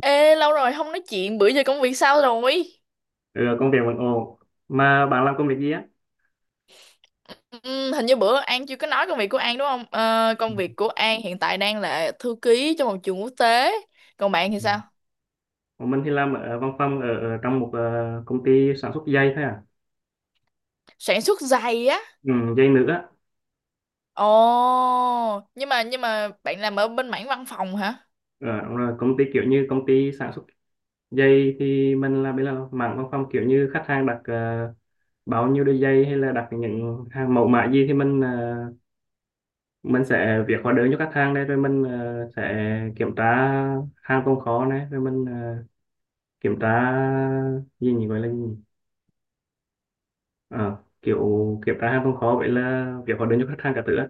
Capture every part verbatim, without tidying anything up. Ê, lâu rồi không nói chuyện, bữa giờ công việc sao rồi? Ừ, công việc vẫn ổn. Mà bạn làm công việc gì á? Ừ, hình như bữa An chưa có nói công việc của An đúng không? Ờ, Công việc của An hiện tại đang là thư ký cho một trường quốc tế. Còn bạn thì Ừ. sao? Còn mình thì làm ở văn phòng ở, ở trong một ờ, công ty sản xuất dây thôi à. Sản xuất giày á. Ừ, dây nữ á. Ồ, nhưng mà nhưng mà bạn làm ở bên mảng văn phòng hả? Ờ, đúng rồi, công ty kiểu như công ty sản xuất dây thì mình làm bên là mảng văn phòng, kiểu như khách hàng đặt ờ, bao nhiêu đôi dây hay là đặt những hàng mẫu mã gì thì mình ờ, mình sẽ việc hóa đơn cho khách hàng đây, rồi mình ờ, sẽ kiểm tra hàng tồn kho này, rồi mình ờ, kiểm tra gì nhỉ, gọi là gì nhỉ? À kiểu, kiểu ra hàng không khó, vậy là việc hóa đơn cho khách hàng cả thứ á.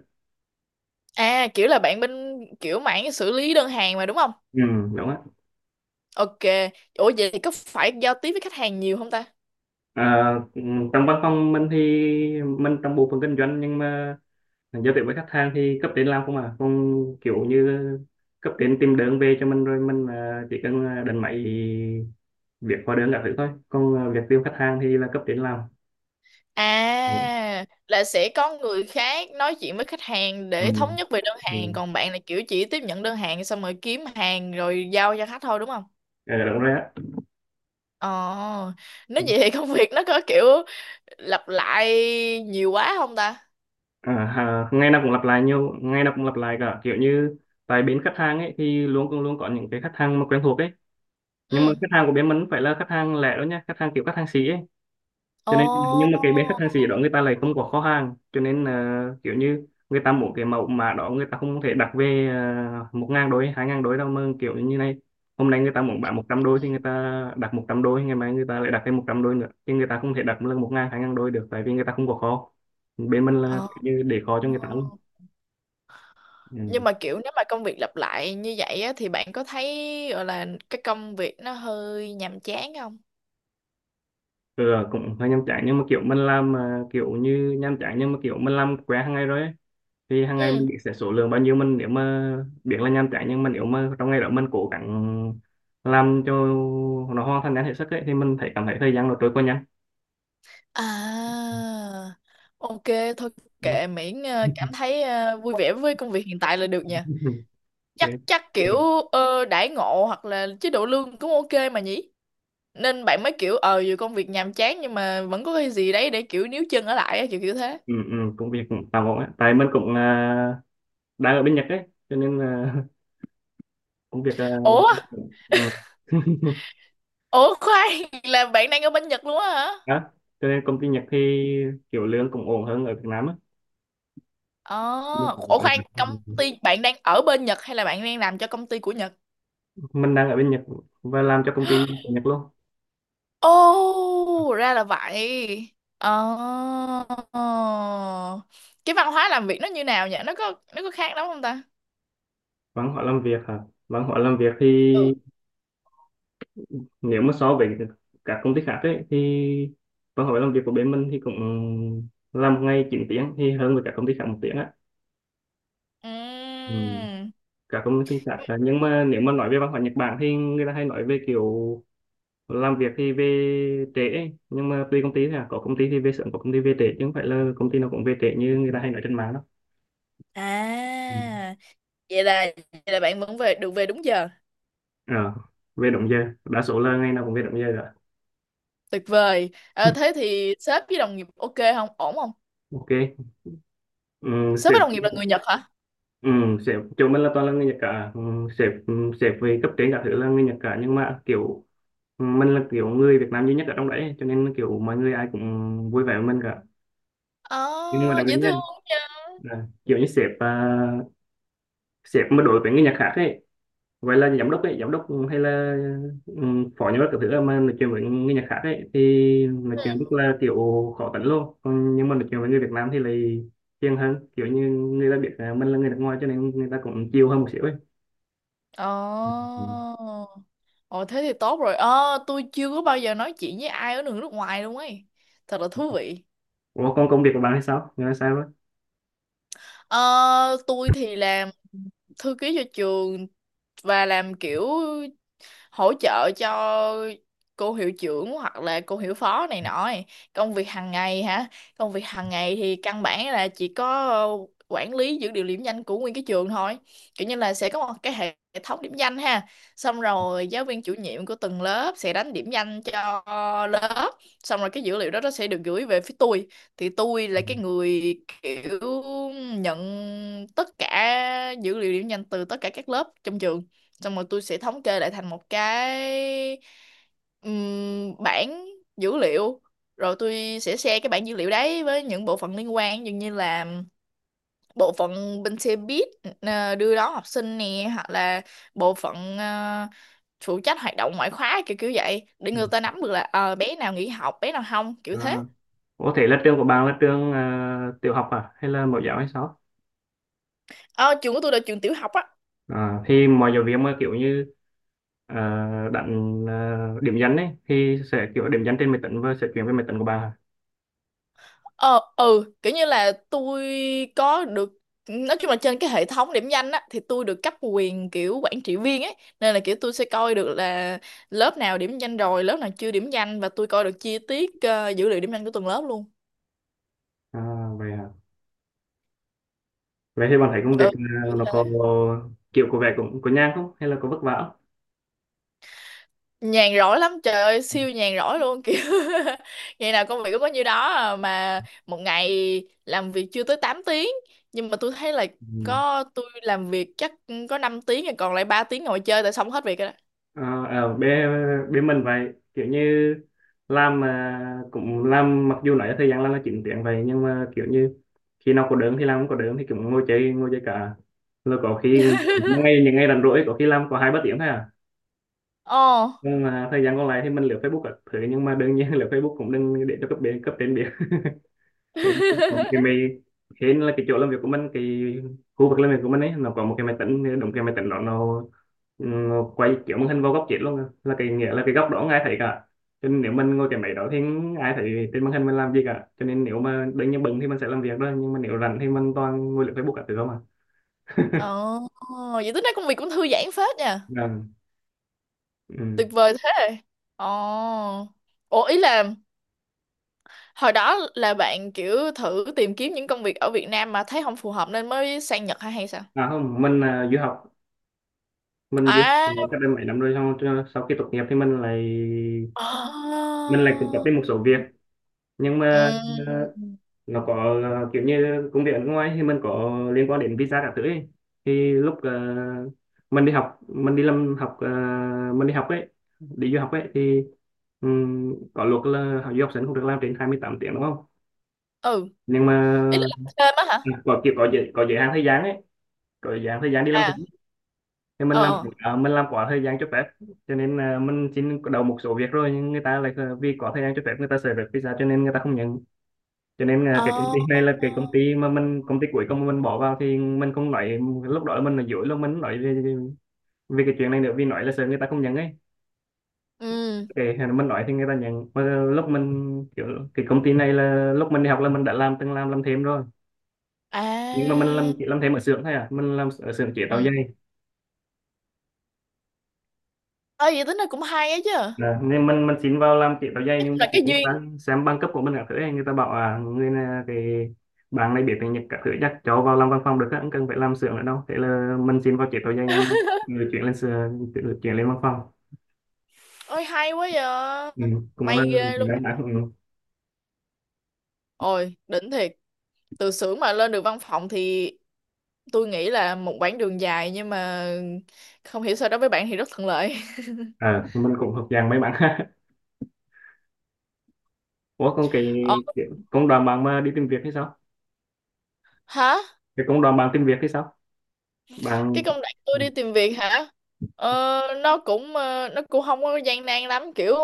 À, kiểu là bạn bên kiểu mảng xử lý đơn hàng mà đúng không? Ừ, đúng á. Ok. Ủa vậy thì có phải giao tiếp với khách hàng nhiều không ta? À, ừ, trong văn phòng mình thì mình trong bộ phận kinh doanh, nhưng mà giao tiếp với khách hàng thì cấp trên làm không à, không, kiểu như cấp trên tìm đơn về cho mình rồi mình à, chỉ cần à, đánh máy việc hóa đơn cả thứ thôi, còn à, việc tiêu khách hàng thì là cấp trên làm. Ừ, À, là sẽ có người khác nói chuyện với khách hàng ừ, để thống nhất về đơn hàng, ừ. còn bạn là kiểu chỉ tiếp nhận đơn hàng xong rồi kiếm hàng rồi giao cho khách thôi đúng không? Ờ, đúng rồi á. Ờ, nếu vậy thì công việc nó có kiểu lặp lại nhiều quá không ta? À, à, ngày nào cũng lặp lại nhiều, ngày nào cũng lặp lại cả, kiểu như tại bên khách hàng ấy thì luôn cũng luôn có những cái khách hàng mà quen thuộc ấy. Nhưng mà Ừ. khách hàng của bên mình không phải là khách hàng lẻ đâu nha, khách hàng kiểu khách hàng xỉ ấy, cho Ồ. nên nhưng mà cái bên khách hàng xỉ đó người ta lại không có kho hàng, cho nên là kiểu như người ta muốn cái mẫu mã đó người ta không thể đặt về uh, một ngàn đôi hai ngàn đôi đâu, mà kiểu như này, hôm nay người ta muốn bán một trăm đôi thì người ta đặt một trăm đôi, ngày mai người ta lại đặt thêm một trăm đôi nữa, thì người ta không thể đặt lần một ngàn hai ngàn đôi được, tại vì người ta không có kho. Bên mình là Ờ. kiểu như để kho cho người ta luôn. Nhưng Ừ. mà kiểu nếu mà công việc lặp lại như vậy á, thì bạn có thấy gọi là cái công việc nó hơi nhàm chán không? Ừ, cũng hơi nhàm chán, nhưng mà kiểu mình làm ờ, kiểu như nhàm chán nhưng mà kiểu mình làm quen hàng ngày rồi ấy. Thì hàng ngày Ừ. mình biết sẽ số lượng bao nhiêu, mình nếu mà biết là nhàm chán, nhưng mà nếu mà trong ngày đó mình cố gắng làm cho nó hoàn thành nhanh hết sức ấy, thì mình thấy cảm thấy thời gian nó trôi qua nhanh. À, ok, thôi Ừ. kệ miễn ờ, cảm thấy ờ, vui vẻ với công việc hiện tại là được nha. Chắc Ok. chắc kiểu ờ, đãi ngộ hoặc là chế độ lương cũng ok mà nhỉ? Nên bạn mới kiểu ờ dù công việc nhàm chán nhưng mà vẫn có cái gì đấy để kiểu níu chân ở lại á, kiểu kiểu thế. Ừ, ừ, công việc cũng tạm ổn ấy. Tại mình cũng à, đang ở bên Nhật ấy cho nên à, công việc à, Ủa, ừ. ủa khoan, là bạn đang ở bên Nhật luôn á hả? Đó, cho nên công ty Nhật thì kiểu lương cũng ổn hơn ở Việt Nam á. Ờ, Mình ủa khoan, công cũng- ty bạn đang ở bên Nhật hay là bạn đang làm cho công ty của Nhật? mình đang ở bên Nhật và làm cho công ty của Nhật luôn. Ồ, ra là vậy. Ờ. Cái văn hóa làm việc nó như nào nhỉ? Nó có nó có khác lắm không ta? Văn hóa làm việc hả? Văn hóa làm việc thì Ừ. nếu mà so với các công ty khác ấy, thì văn hóa làm việc của bên mình thì cũng làm một ngày chín tiếng, thì hơn với các công ty khác một tiếng á. Ừ. Ừm. Các công ty khác à, nhưng mà nếu mà nói về văn hóa Nhật Bản thì người ta hay nói về kiểu làm việc thì về trễ ấy. Nhưng mà tùy công ty thôi à, có công ty thì về sớm, có công ty về trễ, chứ không phải là công ty nào cũng về trễ như người ta hay nói trên mạng đâu. À, Ừ. vậy là vậy là bạn vẫn về được về đúng giờ. Ờ, về đúng giờ, đa số là ngày nào cũng về đúng giờ rồi. Tuyệt vời. Ờ, thế thì sếp với đồng nghiệp ok không? Ổn không? Ok. Ừ. Sếp với đồng nghiệp là người Nhật hả? Ừ, sếp chỗ mình là toàn là người Nhật cả, ừ, sếp ừ, sếp về cấp trên cả thứ là người Nhật cả, nhưng mà kiểu ừ, mình là kiểu người Việt Nam duy nhất ở trong đấy, cho nên kiểu mọi người ai cũng vui vẻ với mình cả. Ờ, Nhưng mà đặc biệt dễ nha, thương nha. là kiểu như sếp à, sếp mà đối với người Nhật khác ấy, vậy là giám đốc ấy, giám đốc hay là ừ, phó giám đốc cả thứ là mà nói chuyện với người Nhật khác ấy thì nói chuyện rất là kiểu khó tính luôn, còn nhưng mà nói chuyện với người Việt Nam thì lại hiền hơn, kiểu như người ta biết à, mình là người nước ngoài cho nên người ta cũng chill hơn một xíu ấy. Ờ. Ồ thế thì tốt rồi. Ờ, tôi chưa có bao giờ nói chuyện với ai ở nước nước ngoài luôn ấy. Thật là thú vị. Ủa còn công việc của bạn hay sao? Người là sao đó? Ờ, tôi thì làm thư ký cho trường và làm kiểu hỗ trợ cho cô hiệu trưởng hoặc là cô hiệu phó này nọ ấy. Công việc hàng ngày hả? Công việc hàng ngày thì căn bản là chỉ có ờ, quản lý dữ liệu điểm danh của nguyên cái trường thôi, kiểu như là sẽ có một cái hệ thống điểm danh ha, xong rồi giáo viên chủ nhiệm của từng lớp sẽ đánh điểm danh cho lớp, xong rồi cái dữ liệu đó nó sẽ được gửi về phía tôi. Thì tôi là cái người kiểu nhận tất cả dữ liệu điểm danh từ tất cả các lớp trong trường, xong rồi tôi sẽ thống kê lại thành một cái ừm, bảng dữ liệu, rồi tôi sẽ share cái bảng dữ liệu đấy với những bộ phận liên quan, dường như là bộ phận bên xe buýt ờ, đưa đón học sinh nè, hoặc là bộ phận ờ, phụ trách hoạt động ngoại khóa kiểu kiểu vậy, để Ừ. người ta nắm được là ờ, bé nào nghỉ học bé nào không, kiểu À. thế. Ủa thế là trường của bạn là trường à, tiểu học à? Hay là mẫu giáo hay sao? Ờ, trường của tôi là trường tiểu học á. À, thì mọi giáo viên mà kiểu như à, đánh à, điểm danh ấy thì sẽ kiểu điểm danh trên máy tính và sẽ chuyển về máy tính của bạn à? Ờ, ừ, kiểu như là tôi có được, nói chung là trên cái hệ thống điểm danh á thì tôi được cấp quyền kiểu quản trị viên ấy, nên là kiểu tôi sẽ coi được là lớp nào điểm danh rồi lớp nào chưa điểm danh, và tôi coi được chi tiết ờ, dữ liệu điểm danh của từng lớp luôn. À, vậy à. Vậy thì bạn thấy công việc Ừ, à, kiểu nó có thế. kiểu của vẻ cũng có nhàn không? Hay là có vất vả Nhàn rỗi lắm trời ơi, không? siêu nhàn rỗi luôn kiểu ngày nào công việc cũng có nhiêu đó à, mà một ngày làm việc chưa tới tám tiếng, nhưng mà tôi thấy là Ừ. có tôi làm việc chắc có năm tiếng rồi, còn lại ba tiếng ngồi chơi tại xong hết việc rồi. Ờ, ở bên bên mình vậy kiểu như làm mà cũng làm, mặc dù nói thời gian làm là chín tiếng vậy, nhưng mà kiểu như khi nào có đớm thì làm, không có đớm thì cũng ngồi chơi, ngồi chơi cả, rồi có khi ngay ngày những ngày rảnh rỗi có khi làm có hai ba tiếng thôi à. Ồ, Nhưng mà thời gian còn lại thì mình lướt Facebook các thứ, nhưng mà đương nhiên lướt Facebook cũng đừng để cho cấp bên cấp trên biết. Kiểu như có một cái máy, hên là cái chỗ làm việc của mình cái khu vực làm việc của mình ấy nó có một cái máy tính đồng, cái máy tính đó nó, nó quay kiểu màn hình vào góc chết luôn à. Là cái nghĩa là cái góc đó không ai thấy cả, cho nên nếu mình ngồi cái máy đó thì không ai thấy trên màn hình mình làm gì cả, cho nên nếu mà đương nhiên bận thì mình sẽ làm việc đó, nhưng mà nếu rảnh thì mình toàn ngồi lướt Facebook cả thứ không à. ồ, vậy tính ra công việc cũng thư giãn phết nha. Vâng, ừ. Tuyệt vời thế. Ồ. Ủa ý là hồi đó là bạn kiểu thử tìm kiếm những công việc ở Việt Nam mà thấy không phù hợp nên mới sang Nhật hay hay sao? À không, mình là du học, mình du học À. ở cách đây mấy năm rồi, xong cho- sau khi tốt nghiệp thì mình lại Ồ. mình lại cũng có thêm một số việc, nhưng Ừ. mà ờ, nó có ờ, kiểu như công việc ở nước ngoài thì mình có liên quan đến visa các thứ ấy. Thì lúc ờ, mình đi học, mình đi làm học ờ, mình đi học ấy, đi du học ấy thì ừm, có luật là học du học sinh không được làm trên hai mươi tám tiếng đúng không? Ừ. Nhưng mà Ý là làm thêm á hả? à, có kiểu có giới có giới hạn thời gian ấy, có giới hạn thời gian đi làm, À. thì mình làm Ờ. à, mình làm quá thời gian cho phép, cho nên à, mình xin đầu một số việc rồi nhưng người ta lại à, vì có thời gian cho phép người ta sợ phép visa cho nên người ta không nhận, cho nên à, cái công Ồ. ty này là cái công ty mà mình công ty cuối cùng mình bỏ vào thì mình không nói lúc đó mình là dối, lúc mình nói về, về cái chuyện này nữa vì nói là sợ người ta không nhận ấy, Ừ. cái mình nói thì người ta nhận, mà lúc mình kiểu cái công ty này là lúc mình đi học là mình đã làm từng làm làm thêm rồi, nhưng mà mình À. làm chỉ làm thêm ở xưởng thôi à, mình làm ở xưởng chế Ừ. tạo giày. Ơi vậy tính ra cũng hay á chứ. Đấy, nên mình mình xin vào làm tiếp áo dây, Chắc nhưng mà là kiểu cái như duyên. đang xem bằng cấp của mình các thứ ấy, người ta bảo à người này cái bạn này biết tiếng Nhật các thứ chắc cháu vào làm văn phòng được á, không cần phải làm xưởng nữa đâu, thế là mình xin vào tiếp áo dây nhưng người chuyển lên xưởng được chuyển lên văn phòng. Ôi hay quá vậy. Ừ, cũng là May ghê luôn. mấy bạn ừ. Ôi, đỉnh thiệt. Từ xưởng mà lên được văn phòng thì tôi nghĩ là một quãng đường dài, nhưng mà không hiểu sao đối với bạn thì rất thuận lợi. À, mình cũng hợp dạng mấy bạn. Ủa còn cái, Ờ, cái công đoàn bạn mà đi tìm việc hay sao? hả? Cái công đoàn bạn tìm việc hay sao Cái bạn? công đoạn tôi Ừ. đi tìm việc hả? Ờ, nó cũng ờ, nó cũng không có gian nan lắm, kiểu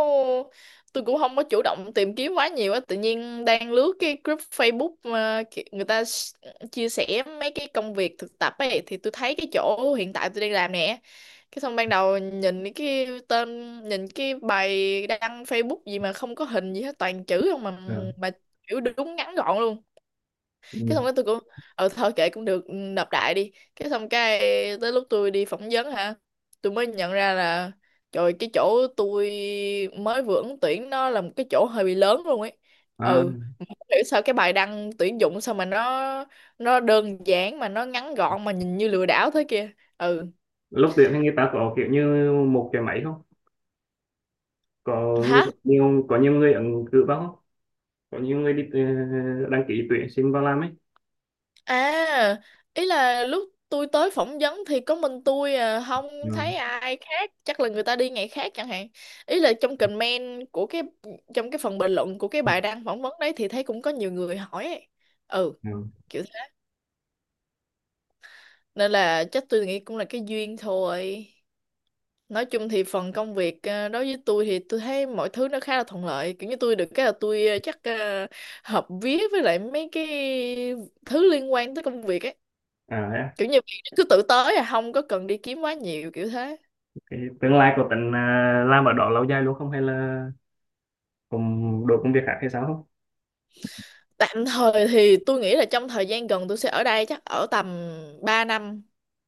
tôi cũng không có chủ động tìm kiếm quá nhiều á, tự nhiên đang lướt cái group Facebook mà ki- người ta s- chia sẻ mấy cái công việc thực tập ấy, thì tôi thấy cái chỗ hiện tại tôi đang làm nè. Cái xong ban đầu nhìn cái tên, nhìn cái bài đăng Facebook gì mà không có hình gì hết, toàn chữ không mà, À, mà kiểu đúng ngắn gọn luôn. Cái ừ. xong cái tôi cũng ờ thôi kệ cũng được, ừ, nộp đại đi. Cái xong cái tới lúc tôi đi phỏng vấn hả, tôi mới nhận ra là trời, cái chỗ tôi mới vừa ứng tuyển nó là một cái chỗ hơi bị lớn luôn ấy. À, Ừ, mà không hiểu sao cái bài đăng tuyển dụng sao mà nó nó đơn giản mà nó ngắn gọn mà nhìn như lừa đảo thế kia. Ừ. lúc tuyển thì người ta có kiểu như một cái máy không, có người Hả? nhiều có nhiều người ứng cử vào không, có nhiều người đi ờ, đăng ký tuyển sinh vào làm ấy. À, ý là lúc tôi tới phỏng vấn thì có mình tôi à, không Ừ. thấy ai khác, chắc là người ta đi ngày khác chẳng hạn. Ý là trong comment của cái, trong cái phần bình luận của cái bài đăng phỏng vấn đấy thì thấy cũng có nhiều người hỏi ấy. Ừ, Ừ. kiểu thế. Nên là chắc tôi nghĩ cũng là cái duyên thôi. Nói chung thì phần công việc à, đối với tôi thì tôi thấy mọi thứ nó khá là thuận lợi. Kiểu như tôi được cái là tôi à, chắc à, hợp vía với lại mấy cái thứ liên quan tới công việc ấy, À thế à. kiểu như bạn cứ tự tới à, không có cần đi kiếm quá nhiều, kiểu thế. Cái tương lai của tính à, làm ở đó lâu dài luôn không hay là cùng đổi công việc khác hay sao không? Tạm thời thì tôi nghĩ là trong thời gian gần tôi sẽ ở đây chắc ở tầm ba năm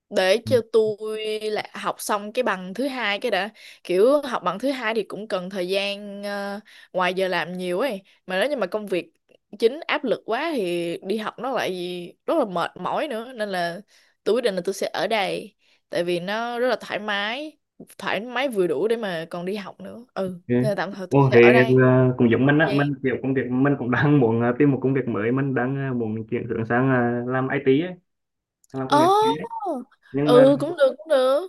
để Ừ. cho tôi là học xong cái bằng thứ hai cái đã. Kiểu học bằng thứ hai thì cũng cần thời gian ờ, ngoài giờ làm nhiều ấy, mà nếu như mà công việc chính áp lực quá thì đi học nó lại rất là mệt mỏi nữa, nên là tôi quyết định là tôi sẽ ở đây, tại vì nó rất là thoải mái, thoải mái vừa đủ để mà còn đi học nữa. Ừ, Ok. nên là tạm thời tôi Ồ, thì sẽ ở đây ờ, cũng giống mình thời á, mình gian. kiểu công việc mình cũng đang muốn ờ, tìm một công việc mới, mình đang ờ, muốn chuyển hướng sang ờ, làm i tê ấy, làm công nghệ thông Ồ, tin ấy. Nhưng mà ừ cũng được cũng được.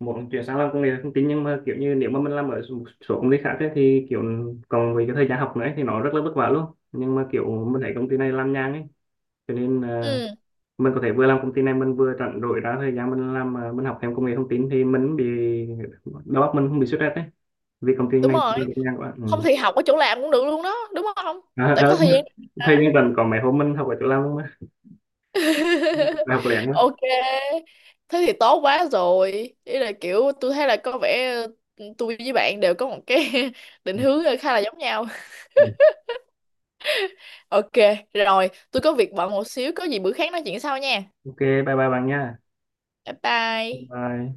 một là chuyển sang làm công nghệ thông tin nhưng mà kiểu như nếu mà mình làm ở một số công ty khác ấy, thì kiểu còn về cái thời gian học nữa ấy, thì nó rất là vất vả luôn, nhưng mà kiểu mình thấy công ty này làm nhàn ấy, cho nên à, Ừ, mình có thể vừa làm công ty này mình vừa rảnh rỗi ra thời gian mình làm à, mình học thêm công nghệ thông tin thì mình bị đầu óc mình không bị stress đấy, vì công ty đúng này rồi. rất là nhàn quá. Ừ. Không thì học ở chỗ làm cũng được luôn đó, đúng không? À, Tại à, có thời gian thời mà. gian rảnh còn mấy hôm mình học ở chỗ làm luôn á, học lén quá. Ok. Thế thì tốt quá rồi. Ý là kiểu tôi thấy là có vẻ ừ, tôi với bạn đều có một cái định Ừ. hướng ờ, khá là giống nhau. Ừ. Ok, rồi, tôi có việc bận một xíu, có gì bữa khác nói chuyện sau nha. Ok, bye bye bạn nha. Bye bye. Bye.